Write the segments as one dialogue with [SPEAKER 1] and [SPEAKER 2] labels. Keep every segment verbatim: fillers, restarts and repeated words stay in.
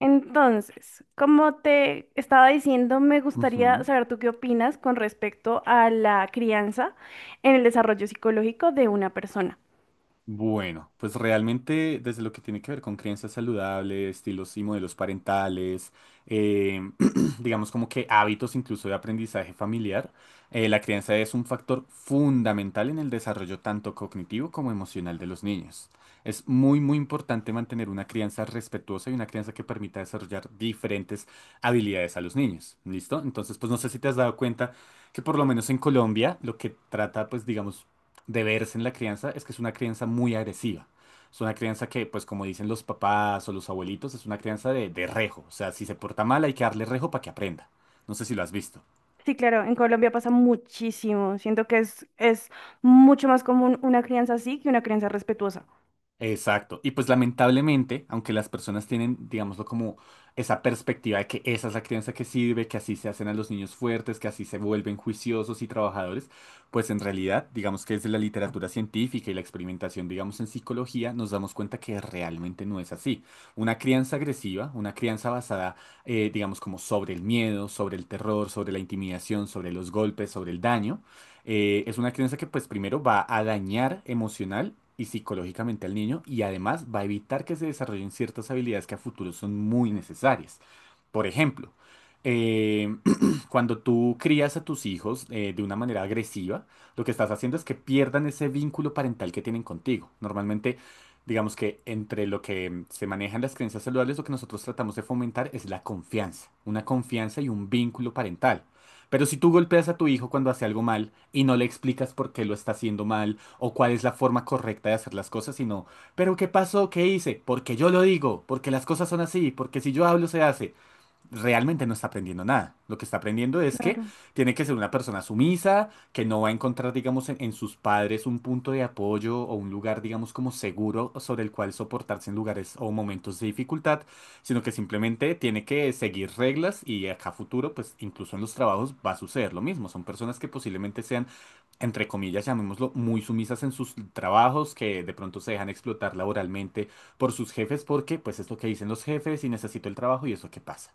[SPEAKER 1] Entonces, como te estaba diciendo, me gustaría
[SPEAKER 2] Ujú.
[SPEAKER 1] saber tú qué opinas con respecto a la crianza en el desarrollo psicológico de una persona.
[SPEAKER 2] Bueno, pues realmente desde lo que tiene que ver con crianzas saludables, estilos y modelos parentales, eh, digamos como que hábitos incluso de aprendizaje familiar, eh, la crianza es un factor fundamental en el desarrollo tanto cognitivo como emocional de los niños. Es muy, muy importante mantener una crianza respetuosa y una crianza que permita desarrollar diferentes habilidades a los niños. ¿Listo? Entonces, pues no sé si te has dado cuenta que por lo menos en Colombia lo que trata, pues digamos, de verse en la crianza es que es una crianza muy agresiva. Es una crianza que, pues como dicen los papás o los abuelitos, es una crianza de, de rejo. O sea, si se porta mal hay que darle rejo para que aprenda. No sé si lo has visto.
[SPEAKER 1] Sí, claro, en Colombia pasa muchísimo. Siento que es, es mucho más común una crianza así que una crianza respetuosa.
[SPEAKER 2] Exacto. Y pues lamentablemente, aunque las personas tienen, digámoslo como esa perspectiva de que esa es la crianza que sirve, que así se hacen a los niños fuertes, que así se vuelven juiciosos y trabajadores, pues en realidad, digamos que desde la literatura científica y la experimentación, digamos en psicología, nos damos cuenta que realmente no es así. Una crianza agresiva, una crianza basada, eh, digamos como sobre el miedo, sobre el terror, sobre la intimidación, sobre los golpes, sobre el daño eh, es una crianza que pues primero va a dañar emocional y psicológicamente al niño y además va a evitar que se desarrollen ciertas habilidades que a futuro son muy necesarias. Por ejemplo, eh, cuando tú crías a tus hijos eh, de una manera agresiva, lo que estás haciendo es que pierdan ese vínculo parental que tienen contigo. Normalmente, digamos que entre lo que mm, se manejan las creencias saludables, lo que nosotros tratamos de fomentar es la confianza, una confianza y un vínculo parental. Pero si tú golpeas a tu hijo cuando hace algo mal y no le explicas por qué lo está haciendo mal o cuál es la forma correcta de hacer las cosas, sino, pero ¿qué pasó? ¿Qué hice? Porque yo lo digo, porque las cosas son así, porque si yo hablo se hace realmente no está aprendiendo nada. Lo que está aprendiendo es que
[SPEAKER 1] Claro.
[SPEAKER 2] tiene que ser una persona sumisa, que no va a encontrar, digamos, en, en sus padres un punto de apoyo o un lugar, digamos, como seguro sobre el cual soportarse en lugares o momentos de dificultad, sino que simplemente tiene que seguir reglas y acá a futuro, pues incluso en los trabajos va a suceder lo mismo. Son personas que posiblemente sean, entre comillas, llamémoslo, muy sumisas en sus trabajos, que de pronto se dejan explotar laboralmente por sus jefes porque pues es lo que dicen los jefes y necesito el trabajo y eso qué pasa.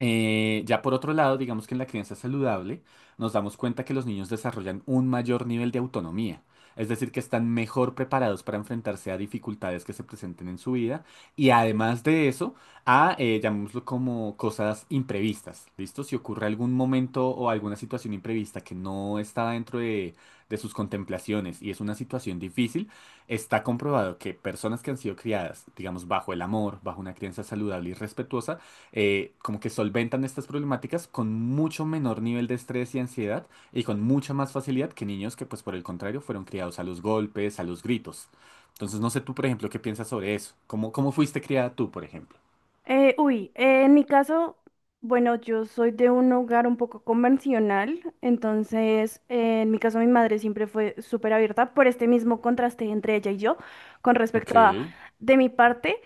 [SPEAKER 2] Eh, ya por otro lado, digamos que en la crianza saludable nos damos cuenta que los niños desarrollan un mayor nivel de autonomía, es decir, que están mejor preparados para enfrentarse a dificultades que se presenten en su vida y además de eso, a, eh, llamémoslo como cosas imprevistas, ¿listo? Si ocurre algún momento o alguna situación imprevista que no está dentro de, de sus contemplaciones y es una situación difícil, está comprobado que personas que han sido criadas, digamos, bajo el amor, bajo una crianza saludable y respetuosa, eh, como que solventan estas problemáticas con mucho menor nivel de estrés y ansiedad y con mucha más facilidad que niños que, pues por el contrario, fueron criados a los golpes, a los gritos. Entonces, no sé tú, por ejemplo, qué piensas sobre eso. ¿Cómo, cómo fuiste criada tú, por ejemplo?
[SPEAKER 1] Eh, uy, eh, en mi caso, bueno, yo soy de un hogar un poco convencional, entonces eh, en mi caso mi madre siempre fue súper abierta por este mismo contraste entre ella y yo con
[SPEAKER 2] Ok,
[SPEAKER 1] respecto a de mi parte.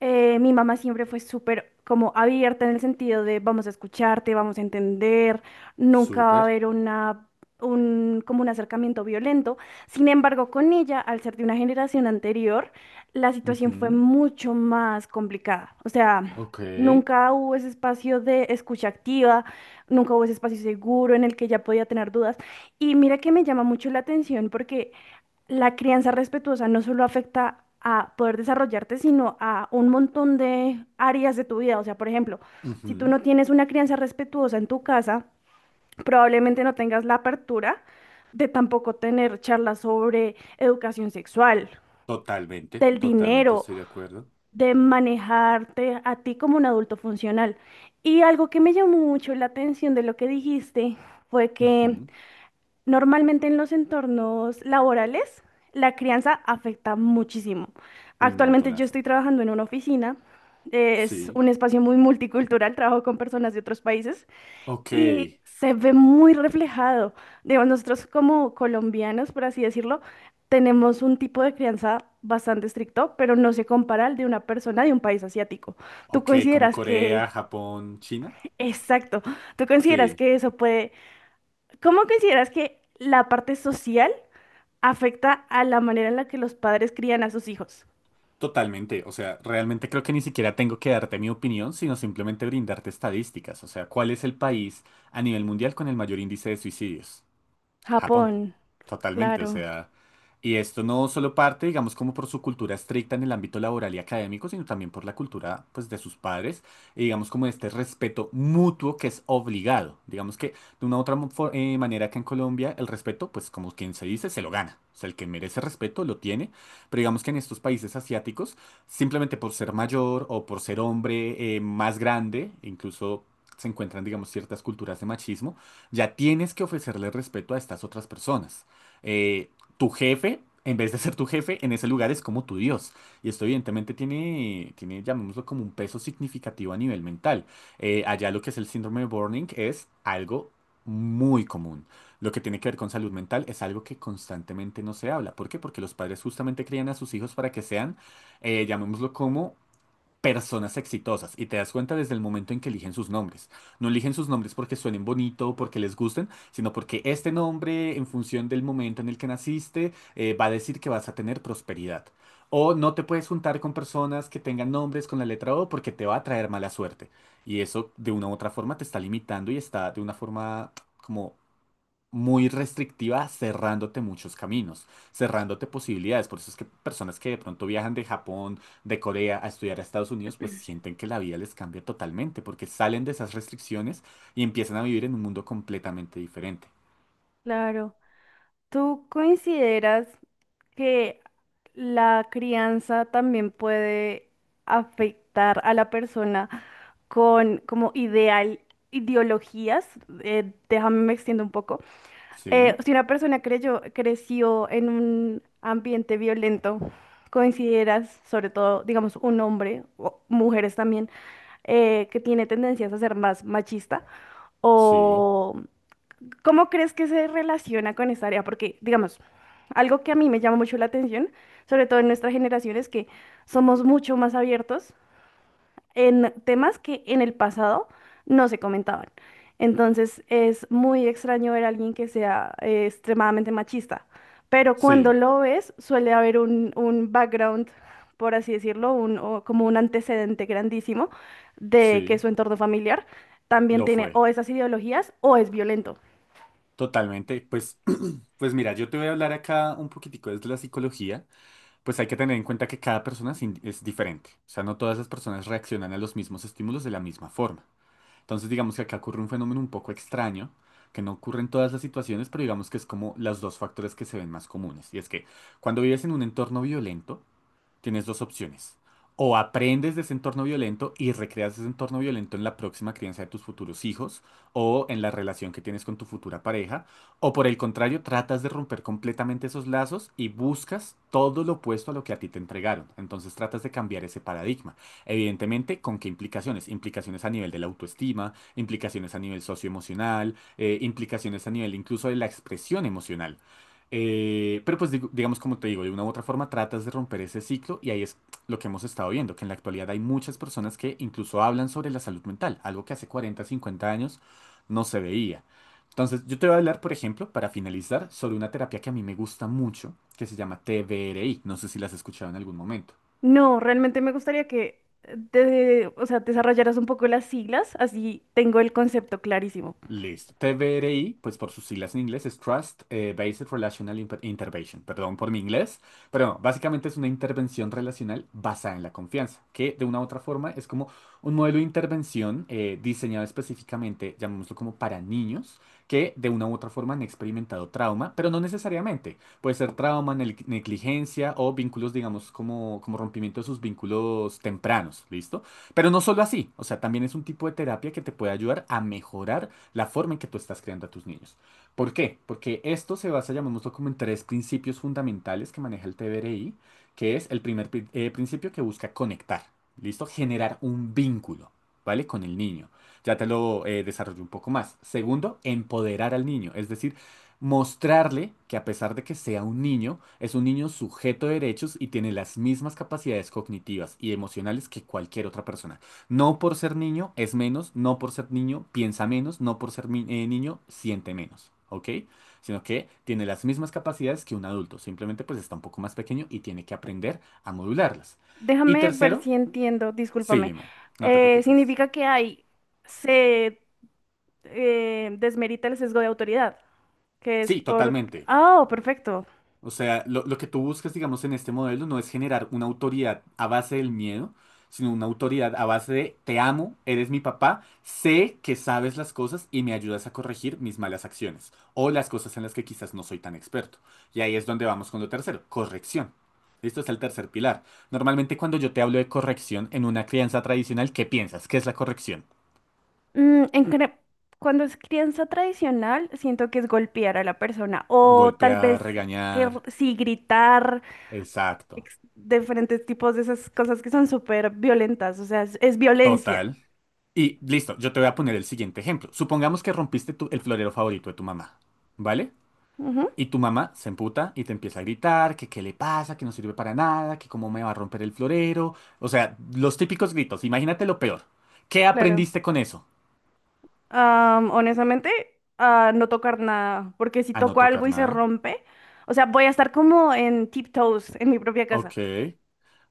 [SPEAKER 1] Eh, mi mamá siempre fue súper como abierta en el sentido de vamos a escucharte, vamos a entender, nunca va a
[SPEAKER 2] súper.
[SPEAKER 1] haber una, un, como un acercamiento violento. Sin embargo, con ella, al ser de una generación anterior, la situación fue
[SPEAKER 2] Ujú.
[SPEAKER 1] mucho más complicada. O sea,
[SPEAKER 2] Ok,
[SPEAKER 1] nunca hubo ese espacio de escucha activa, nunca hubo ese espacio seguro en el que ella podía tener dudas. Y mira que me llama mucho la atención porque la crianza respetuosa no solo afecta a poder desarrollarte, sino a un montón de áreas de tu vida. O sea, por ejemplo, si tú
[SPEAKER 2] ujú,
[SPEAKER 1] no tienes una crianza respetuosa en tu casa, probablemente no tengas la apertura de tampoco tener charlas sobre educación sexual,
[SPEAKER 2] totalmente,
[SPEAKER 1] del
[SPEAKER 2] totalmente
[SPEAKER 1] dinero,
[SPEAKER 2] estoy de acuerdo.
[SPEAKER 1] de manejarte a ti como un adulto funcional. Y algo que me llamó mucho la atención de lo que dijiste fue que
[SPEAKER 2] Ujú.
[SPEAKER 1] normalmente en los entornos laborales, la crianza afecta muchísimo.
[SPEAKER 2] Un
[SPEAKER 1] Actualmente yo estoy
[SPEAKER 2] montonazo.
[SPEAKER 1] trabajando en una oficina, es
[SPEAKER 2] Sí.
[SPEAKER 1] un espacio muy multicultural, trabajo con personas de otros países
[SPEAKER 2] Ok,
[SPEAKER 1] y se ve muy reflejado. Digo, nosotros como colombianos, por así decirlo, tenemos un tipo de crianza bastante estricto, pero no se compara al de una persona de un país asiático. ¿Tú
[SPEAKER 2] ok, como
[SPEAKER 1] consideras
[SPEAKER 2] Corea,
[SPEAKER 1] que,
[SPEAKER 2] Japón, China.
[SPEAKER 1] exacto, tú consideras
[SPEAKER 2] Sí.
[SPEAKER 1] que eso puede, cómo consideras que la parte social afecta a la manera en la que los padres crían a sus hijos?
[SPEAKER 2] Totalmente, o sea, realmente creo que ni siquiera tengo que darte mi opinión, sino simplemente brindarte estadísticas, o sea, ¿cuál es el país a nivel mundial con el mayor índice de suicidios? Japón,
[SPEAKER 1] Japón,
[SPEAKER 2] totalmente, o
[SPEAKER 1] claro,
[SPEAKER 2] sea, y esto no solo parte, digamos, como por su cultura estricta en el ámbito laboral y académico, sino también por la cultura, pues, de sus padres, y digamos, como este respeto mutuo que es obligado, digamos que de una u otra mo- for- eh, manera que en Colombia el respeto, pues, como quien se dice, se lo gana, o sea, el que merece respeto lo tiene, pero digamos que en estos países asiáticos, simplemente por ser mayor o por ser hombre eh, más grande, incluso se encuentran, digamos, ciertas culturas de machismo, ya tienes que ofrecerle respeto a estas otras personas. Eh, Tu jefe, en vez de ser tu jefe, en ese lugar es como tu Dios. Y esto evidentemente tiene, tiene, llamémoslo como un peso significativo a nivel mental. Eh, allá lo que es el síndrome de burnout es algo muy común. Lo que tiene que ver con salud mental es algo que constantemente no se habla. ¿Por qué? Porque los padres justamente crían a sus hijos para que sean, eh, llamémoslo como personas exitosas y te das cuenta desde el momento en que eligen sus nombres. No eligen sus nombres porque suenen bonito o porque les gusten, sino porque este nombre, en función del momento en el que naciste, eh, va a decir que vas a tener prosperidad. O no te puedes juntar con personas que tengan nombres con la letra O porque te va a traer mala suerte. Y eso de una u otra forma te está limitando y está de una forma como muy restrictiva, cerrándote muchos caminos, cerrándote posibilidades. Por eso es que personas que de pronto viajan de Japón, de Corea a estudiar a Estados Unidos, pues sienten que la vida les cambia totalmente, porque salen de esas restricciones y empiezan a vivir en un mundo completamente diferente.
[SPEAKER 1] claro. ¿Tú consideras que la crianza también puede afectar a la persona con como ideal ideologías? Eh, déjame me extiendo un poco.
[SPEAKER 2] Sí,
[SPEAKER 1] Eh, si una persona creyó, creció en un ambiente violento, ¿consideras, sobre todo, digamos, un hombre o mujeres también eh, que tiene tendencias a ser más machista?
[SPEAKER 2] sí,
[SPEAKER 1] ¿O cómo crees que se relaciona con esta área? Porque, digamos, algo que a mí me llama mucho la atención, sobre todo en nuestra generación, es que somos mucho más abiertos en temas que en el pasado no se comentaban. Entonces es muy extraño ver a alguien que sea eh, extremadamente machista, pero cuando
[SPEAKER 2] sí,
[SPEAKER 1] lo ves suele haber un, un background, por así decirlo, un, o como un antecedente grandísimo de que
[SPEAKER 2] sí,
[SPEAKER 1] su entorno familiar también
[SPEAKER 2] lo
[SPEAKER 1] tiene
[SPEAKER 2] fue.
[SPEAKER 1] o esas ideologías o es violento.
[SPEAKER 2] Totalmente, pues, pues mira, yo te voy a hablar acá un poquitico desde la psicología, pues hay que tener en cuenta que cada persona es in- es diferente, o sea, no todas las personas reaccionan a los mismos estímulos de la misma forma. Entonces digamos que acá ocurre un fenómeno un poco extraño, que no ocurre en todas las situaciones, pero digamos que es como los dos factores que se ven más comunes. Y es que cuando vives en un entorno violento, tienes dos opciones. O aprendes de ese entorno violento y recreas ese entorno violento en la próxima crianza de tus futuros hijos o en la relación que tienes con tu futura pareja. O por el contrario, tratas de romper completamente esos lazos y buscas todo lo opuesto a lo que a ti te entregaron. Entonces tratas de cambiar ese paradigma. Evidentemente, ¿con qué implicaciones? Implicaciones a nivel de la autoestima, implicaciones a nivel socioemocional, eh, implicaciones a nivel incluso de la expresión emocional. Eh, pero pues digo- digamos como te digo, de una u otra forma tratas de romper ese ciclo y ahí es lo que hemos estado viendo, que en la actualidad hay muchas personas que incluso hablan sobre la salud mental, algo que hace cuarenta, cincuenta años no se veía. Entonces, yo te voy a hablar, por ejemplo, para finalizar, sobre una terapia que a mí me gusta mucho, que se llama T B R I. No sé si las has escuchado en algún momento.
[SPEAKER 1] No, realmente me gustaría que eh, de- o sea, desarrollaras un poco las siglas, así tengo el concepto clarísimo.
[SPEAKER 2] Listo. T B R I, pues por sus siglas en inglés, es Trust eh, Based Relational Imp- Intervention. Perdón por mi inglés, pero no, básicamente es una intervención relacional basada en la confianza, que de una u otra forma es como un modelo de intervención eh, diseñado específicamente, llamémoslo como para niños, que de una u otra forma han experimentado trauma, pero no necesariamente. Puede ser trauma, nel- negligencia o vínculos, digamos, como, como rompimiento de sus vínculos tempranos, ¿listo? Pero no solo así, o sea, también es un tipo de terapia que te puede ayudar a mejorar la forma en que tú estás creando a tus niños. ¿Por qué? Porque esto se basa, llamémoslo como en tres principios fundamentales que maneja el T B R I, que es el primer pri- eh, principio que busca conectar, ¿listo? Generar un vínculo, ¿vale? Con el niño. Ya te lo eh, desarrollo un poco más. Segundo, empoderar al niño, es decir, mostrarle que a pesar de que sea un niño, es un niño sujeto de derechos y tiene las mismas capacidades cognitivas y emocionales que cualquier otra persona. No por ser niño es menos, no por ser niño piensa menos, no por ser mi- eh, niño siente menos, ¿ok? Sino que tiene las mismas capacidades que un adulto, simplemente pues está un poco más pequeño y tiene que aprender a modularlas. Y
[SPEAKER 1] Déjame ver
[SPEAKER 2] tercero,
[SPEAKER 1] si entiendo,
[SPEAKER 2] sí,
[SPEAKER 1] discúlpame.
[SPEAKER 2] dime, no te
[SPEAKER 1] Eh,
[SPEAKER 2] preocupes.
[SPEAKER 1] significa que hay, se eh, desmerita el sesgo de autoridad, que es
[SPEAKER 2] Sí,
[SPEAKER 1] por...
[SPEAKER 2] totalmente.
[SPEAKER 1] Ah, perfecto.
[SPEAKER 2] O sea, lo, lo que tú buscas, digamos, en este modelo no es generar una autoridad a base del miedo, sino una autoridad a base de te amo, eres mi papá, sé que sabes las cosas y me ayudas a corregir mis malas acciones o las cosas en las que quizás no soy tan experto. Y ahí es donde vamos con lo tercero, corrección. Esto es el tercer pilar. Normalmente cuando yo te hablo de corrección en una crianza tradicional, ¿qué piensas? ¿Qué es la corrección?
[SPEAKER 1] Mm, en cre- Cuando es crianza tradicional, siento que es golpear a la persona o tal
[SPEAKER 2] Golpear,
[SPEAKER 1] vez que r-
[SPEAKER 2] regañar.
[SPEAKER 1] sí gritar,
[SPEAKER 2] Exacto.
[SPEAKER 1] ex- diferentes tipos de esas cosas que son súper violentas, o sea, es, es violencia.
[SPEAKER 2] Total. Y listo, yo te voy a poner el siguiente ejemplo. Supongamos que rompiste tu- el florero favorito de tu mamá, ¿vale?
[SPEAKER 1] Ujú,
[SPEAKER 2] Y tu mamá se emputa y te empieza a gritar que qué le pasa, que no sirve para nada, que cómo me va a romper el florero. O sea, los típicos gritos. Imagínate lo peor. ¿Qué
[SPEAKER 1] claro.
[SPEAKER 2] aprendiste con eso?
[SPEAKER 1] Am, honestamente, a no tocar nada, porque si
[SPEAKER 2] A no
[SPEAKER 1] toco
[SPEAKER 2] tocar
[SPEAKER 1] algo y se
[SPEAKER 2] nada.
[SPEAKER 1] rompe, o sea, voy a estar como en tiptoes en mi propia
[SPEAKER 2] Ok.
[SPEAKER 1] casa.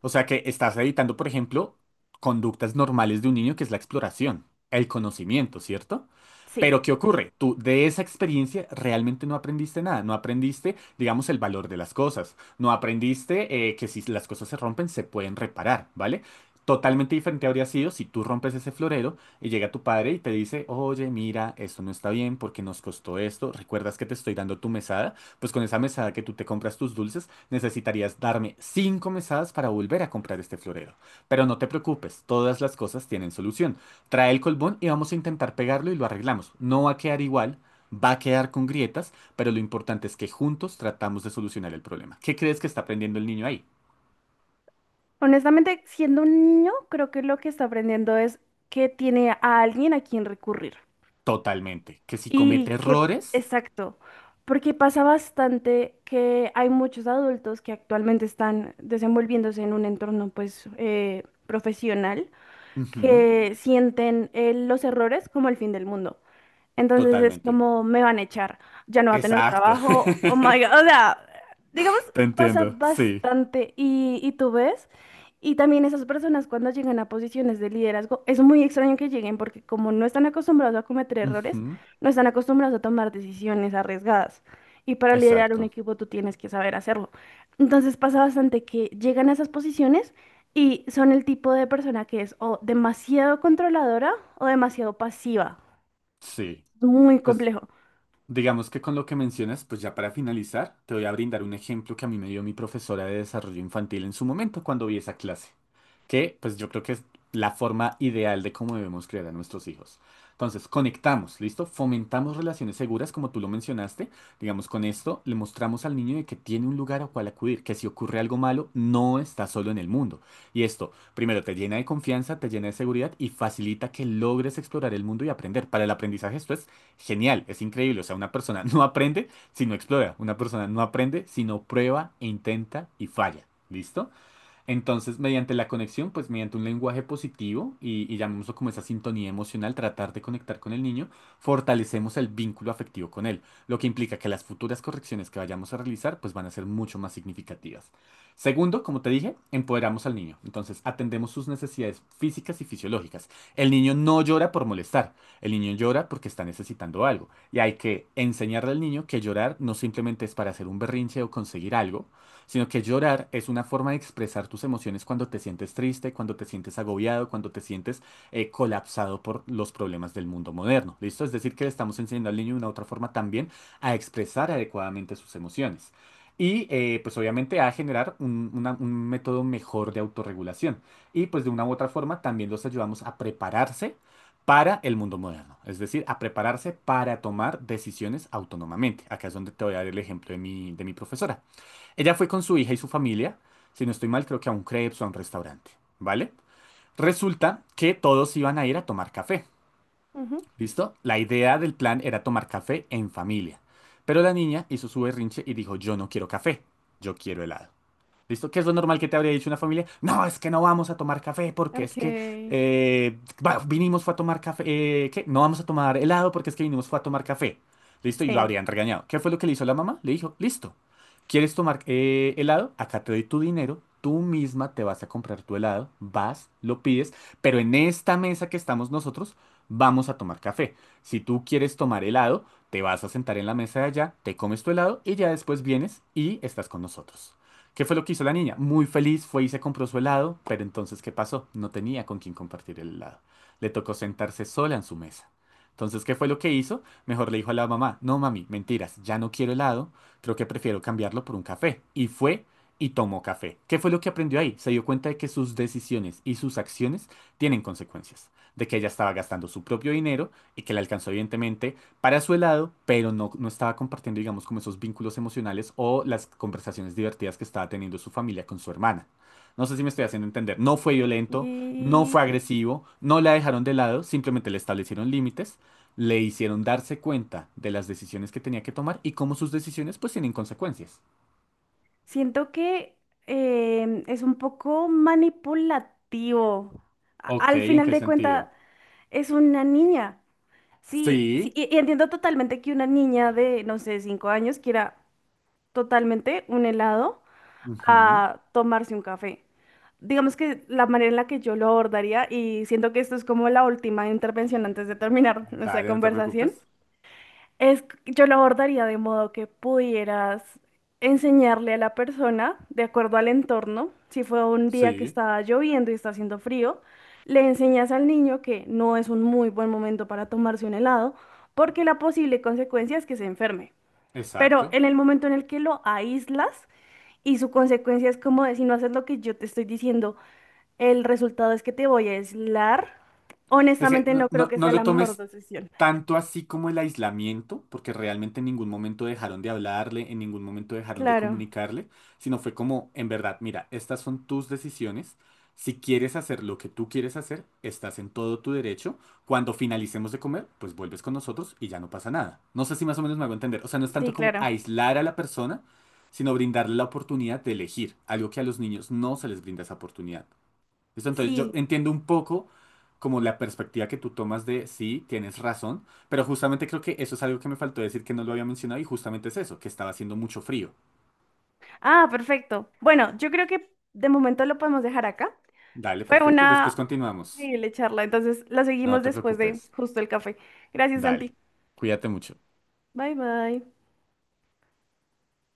[SPEAKER 2] O sea que estás editando, por ejemplo, conductas normales de un niño, que es la exploración, el conocimiento, ¿cierto?
[SPEAKER 1] Sí.
[SPEAKER 2] Pero ¿qué ocurre? Tú de esa experiencia realmente no aprendiste nada, no aprendiste, digamos, el valor de las cosas, no aprendiste eh, que si las cosas se rompen se pueden reparar, ¿vale? Totalmente diferente habría sido si tú rompes ese florero y llega tu padre y te dice, oye, mira, esto no está bien porque nos costó esto, ¿recuerdas que te estoy dando tu mesada? Pues con esa mesada que tú te compras tus dulces, necesitarías darme cinco mesadas para volver a comprar este florero. Pero no te preocupes, todas las cosas tienen solución. Trae el colbón y vamos a intentar pegarlo y lo arreglamos. No va a quedar igual, va a quedar con grietas, pero lo importante es que juntos tratamos de solucionar el problema. ¿Qué crees que está aprendiendo el niño ahí?
[SPEAKER 1] Honestamente, siendo un niño, creo que lo que está aprendiendo es que tiene a alguien a quien recurrir.
[SPEAKER 2] Totalmente. ¿Que si
[SPEAKER 1] Y
[SPEAKER 2] comete
[SPEAKER 1] que,
[SPEAKER 2] errores?
[SPEAKER 1] exacto, porque pasa bastante que hay muchos adultos que actualmente están desenvolviéndose en un entorno, pues, eh, profesional,
[SPEAKER 2] Ujú.
[SPEAKER 1] que sienten eh, los errores como el fin del mundo. Entonces es
[SPEAKER 2] Totalmente.
[SPEAKER 1] como me van a echar, ya no va a tener
[SPEAKER 2] Exacto.
[SPEAKER 1] trabajo, oh my God, o sea, digamos,
[SPEAKER 2] Te
[SPEAKER 1] pasa
[SPEAKER 2] entiendo, sí.
[SPEAKER 1] bastante y, y tú ves, y también esas personas cuando llegan a posiciones de liderazgo, es muy extraño que lleguen porque como no están acostumbrados a cometer errores,
[SPEAKER 2] Ujú.
[SPEAKER 1] no están acostumbrados a tomar decisiones arriesgadas. Y para liderar un
[SPEAKER 2] Exacto,
[SPEAKER 1] equipo tú tienes que saber hacerlo. Entonces pasa bastante que llegan a esas posiciones y son el tipo de persona que es o demasiado controladora o demasiado pasiva.
[SPEAKER 2] sí.
[SPEAKER 1] Muy
[SPEAKER 2] Pues
[SPEAKER 1] complejo.
[SPEAKER 2] digamos que con lo que mencionas, pues ya para finalizar, te voy a brindar un ejemplo que a mí me dio mi profesora de desarrollo infantil en su momento cuando vi esa clase, que pues yo creo que es la forma ideal de cómo debemos crear a nuestros hijos. Entonces, conectamos, ¿listo? Fomentamos relaciones seguras, como tú lo mencionaste. Digamos, con esto le mostramos al niño de que tiene un lugar a cual acudir, que si ocurre algo malo, no está solo en el mundo. Y esto, primero, te llena de confianza, te llena de seguridad y facilita que logres explorar el mundo y aprender. Para el aprendizaje esto es genial, es increíble. O sea, una persona no aprende si no explora, una persona no aprende si no prueba, intenta y falla. ¿Listo? Entonces, mediante la conexión, pues mediante un lenguaje positivo y, y llamémoslo como esa sintonía emocional, tratar de conectar con el niño, fortalecemos el vínculo afectivo con él, lo que implica que las futuras correcciones que vayamos a realizar, pues van a ser mucho más significativas. Segundo, como te dije, empoderamos al niño. Entonces, atendemos sus necesidades físicas y fisiológicas. El niño no llora por molestar, el niño llora porque está necesitando algo. Y hay que enseñarle al niño que llorar no simplemente es para hacer un berrinche o conseguir algo, sino que llorar es una forma de expresar tus emociones cuando te sientes triste, cuando te sientes agobiado, cuando te sientes eh, colapsado por los problemas del mundo moderno. ¿Listo? Es decir, que le estamos enseñando al niño de una otra forma también a expresar adecuadamente sus emociones. Y eh, pues obviamente a generar un, una- un método mejor de autorregulación. Y pues de una u otra forma también los ayudamos a prepararse para el mundo moderno, es decir, a prepararse para tomar decisiones autónomamente. Acá es donde te voy a dar el ejemplo de mi, de mi profesora. Ella fue con su hija y su familia, si no estoy mal, creo que a un crepes o a un restaurante, ¿vale? Resulta que todos iban a ir a tomar café,
[SPEAKER 1] Ujú.
[SPEAKER 2] ¿listo? La idea del plan era tomar café en familia, pero la niña hizo su berrinche y dijo, yo no quiero café, yo quiero helado. ¿Listo? ¿Qué es lo normal que te habría dicho una familia? No, es que no vamos a tomar café porque es que
[SPEAKER 1] Ok.
[SPEAKER 2] eh, va- vinimos fue a tomar café. Eh, ¿qué? No vamos a tomar helado porque es que vinimos fue a tomar café. ¿Listo? Y lo
[SPEAKER 1] Sí.
[SPEAKER 2] habrían regañado. ¿Qué fue lo que le hizo la mamá? Le dijo, listo. ¿Quieres tomar eh, helado? Acá te doy tu dinero. Tú misma te vas a comprar tu helado. Vas, lo pides. Pero en esta mesa que estamos nosotros, vamos a tomar café. Si tú quieres tomar helado, te vas a sentar en la mesa de allá, te comes tu helado y ya después vienes y estás con nosotros. ¿Qué fue lo que hizo la niña? Muy feliz fue y se compró su helado, pero entonces, ¿qué pasó? No tenía con quién compartir el helado. Le tocó sentarse sola en su mesa. Entonces, ¿qué fue lo que hizo? Mejor le dijo a la mamá, no mami, mentiras, ya no quiero helado, creo que prefiero cambiarlo por un café. Y fue y tomó café. ¿Qué fue lo que aprendió ahí? Se dio cuenta de que sus decisiones y sus acciones tienen consecuencias, de que ella estaba gastando su propio dinero y que le alcanzó evidentemente para su helado, pero no, no estaba compartiendo, digamos, como esos vínculos emocionales o las conversaciones divertidas que estaba teniendo su familia con su hermana. No sé si me estoy haciendo entender. No fue violento, no
[SPEAKER 1] Y
[SPEAKER 2] fue agresivo, no la dejaron de lado, simplemente le establecieron límites, le hicieron darse cuenta de las decisiones que tenía que tomar y cómo sus decisiones pues tienen consecuencias.
[SPEAKER 1] siento que em, es un poco manipulativo. A-
[SPEAKER 2] Ok,
[SPEAKER 1] Al
[SPEAKER 2] ¿en
[SPEAKER 1] final
[SPEAKER 2] qué
[SPEAKER 1] de cuentas,
[SPEAKER 2] sentido?
[SPEAKER 1] es una niña. Sí, sí,
[SPEAKER 2] Sí.
[SPEAKER 1] y, y entiendo totalmente que una niña de, no sé, cinco años quiera totalmente un helado
[SPEAKER 2] Ujú.
[SPEAKER 1] a tomarse un café. Digamos que la manera en la que yo lo abordaría, y siento que esto es como la última intervención antes de terminar nuestra
[SPEAKER 2] Dale, no te preocupes.
[SPEAKER 1] conversación, es, yo lo abordaría de modo que pudieras enseñarle a la persona, de acuerdo al entorno, si fue un día que
[SPEAKER 2] Sí,
[SPEAKER 1] está lloviendo y está haciendo frío, le enseñas al niño que no es un muy buen momento para tomarse un helado, porque la posible consecuencia es que se enferme. Pero
[SPEAKER 2] exacto.
[SPEAKER 1] en el momento en el que lo aíslas y su consecuencia es como de si no haces lo que yo te estoy diciendo, el resultado es que te voy a aislar,
[SPEAKER 2] Es que
[SPEAKER 1] honestamente
[SPEAKER 2] no,
[SPEAKER 1] no creo
[SPEAKER 2] no,
[SPEAKER 1] que
[SPEAKER 2] no
[SPEAKER 1] sea
[SPEAKER 2] lo
[SPEAKER 1] la mejor
[SPEAKER 2] tomes
[SPEAKER 1] decisión.
[SPEAKER 2] tanto así como el aislamiento, porque realmente en ningún momento dejaron de hablarle, en ningún momento dejaron de
[SPEAKER 1] Claro,
[SPEAKER 2] comunicarle, sino fue como, en verdad, mira, estas son tus decisiones. Si quieres hacer lo que tú quieres hacer, estás en todo tu derecho. Cuando finalicemos de comer, pues vuelves con nosotros y ya no pasa nada. No sé si más o menos me hago entender. O sea, no es
[SPEAKER 1] sí,
[SPEAKER 2] tanto como
[SPEAKER 1] claro.
[SPEAKER 2] aislar a la persona, sino brindarle la oportunidad de elegir, algo que a los niños no se les brinda esa oportunidad. ¿Listo? Entonces yo
[SPEAKER 1] Sí.
[SPEAKER 2] entiendo un poco como la perspectiva que tú tomas de sí, tienes razón, pero justamente creo que eso es algo que me faltó decir que no lo había mencionado y justamente es eso, que estaba haciendo mucho frío.
[SPEAKER 1] Ah, perfecto. Bueno, yo creo que de momento lo podemos dejar acá.
[SPEAKER 2] Dale,
[SPEAKER 1] Fue
[SPEAKER 2] perfecto. Después
[SPEAKER 1] una
[SPEAKER 2] continuamos.
[SPEAKER 1] increíble charla, entonces la
[SPEAKER 2] No
[SPEAKER 1] seguimos
[SPEAKER 2] te
[SPEAKER 1] después de
[SPEAKER 2] preocupes.
[SPEAKER 1] justo el café. Gracias, Santi.
[SPEAKER 2] Dale. Cuídate mucho.
[SPEAKER 1] Bye, bye.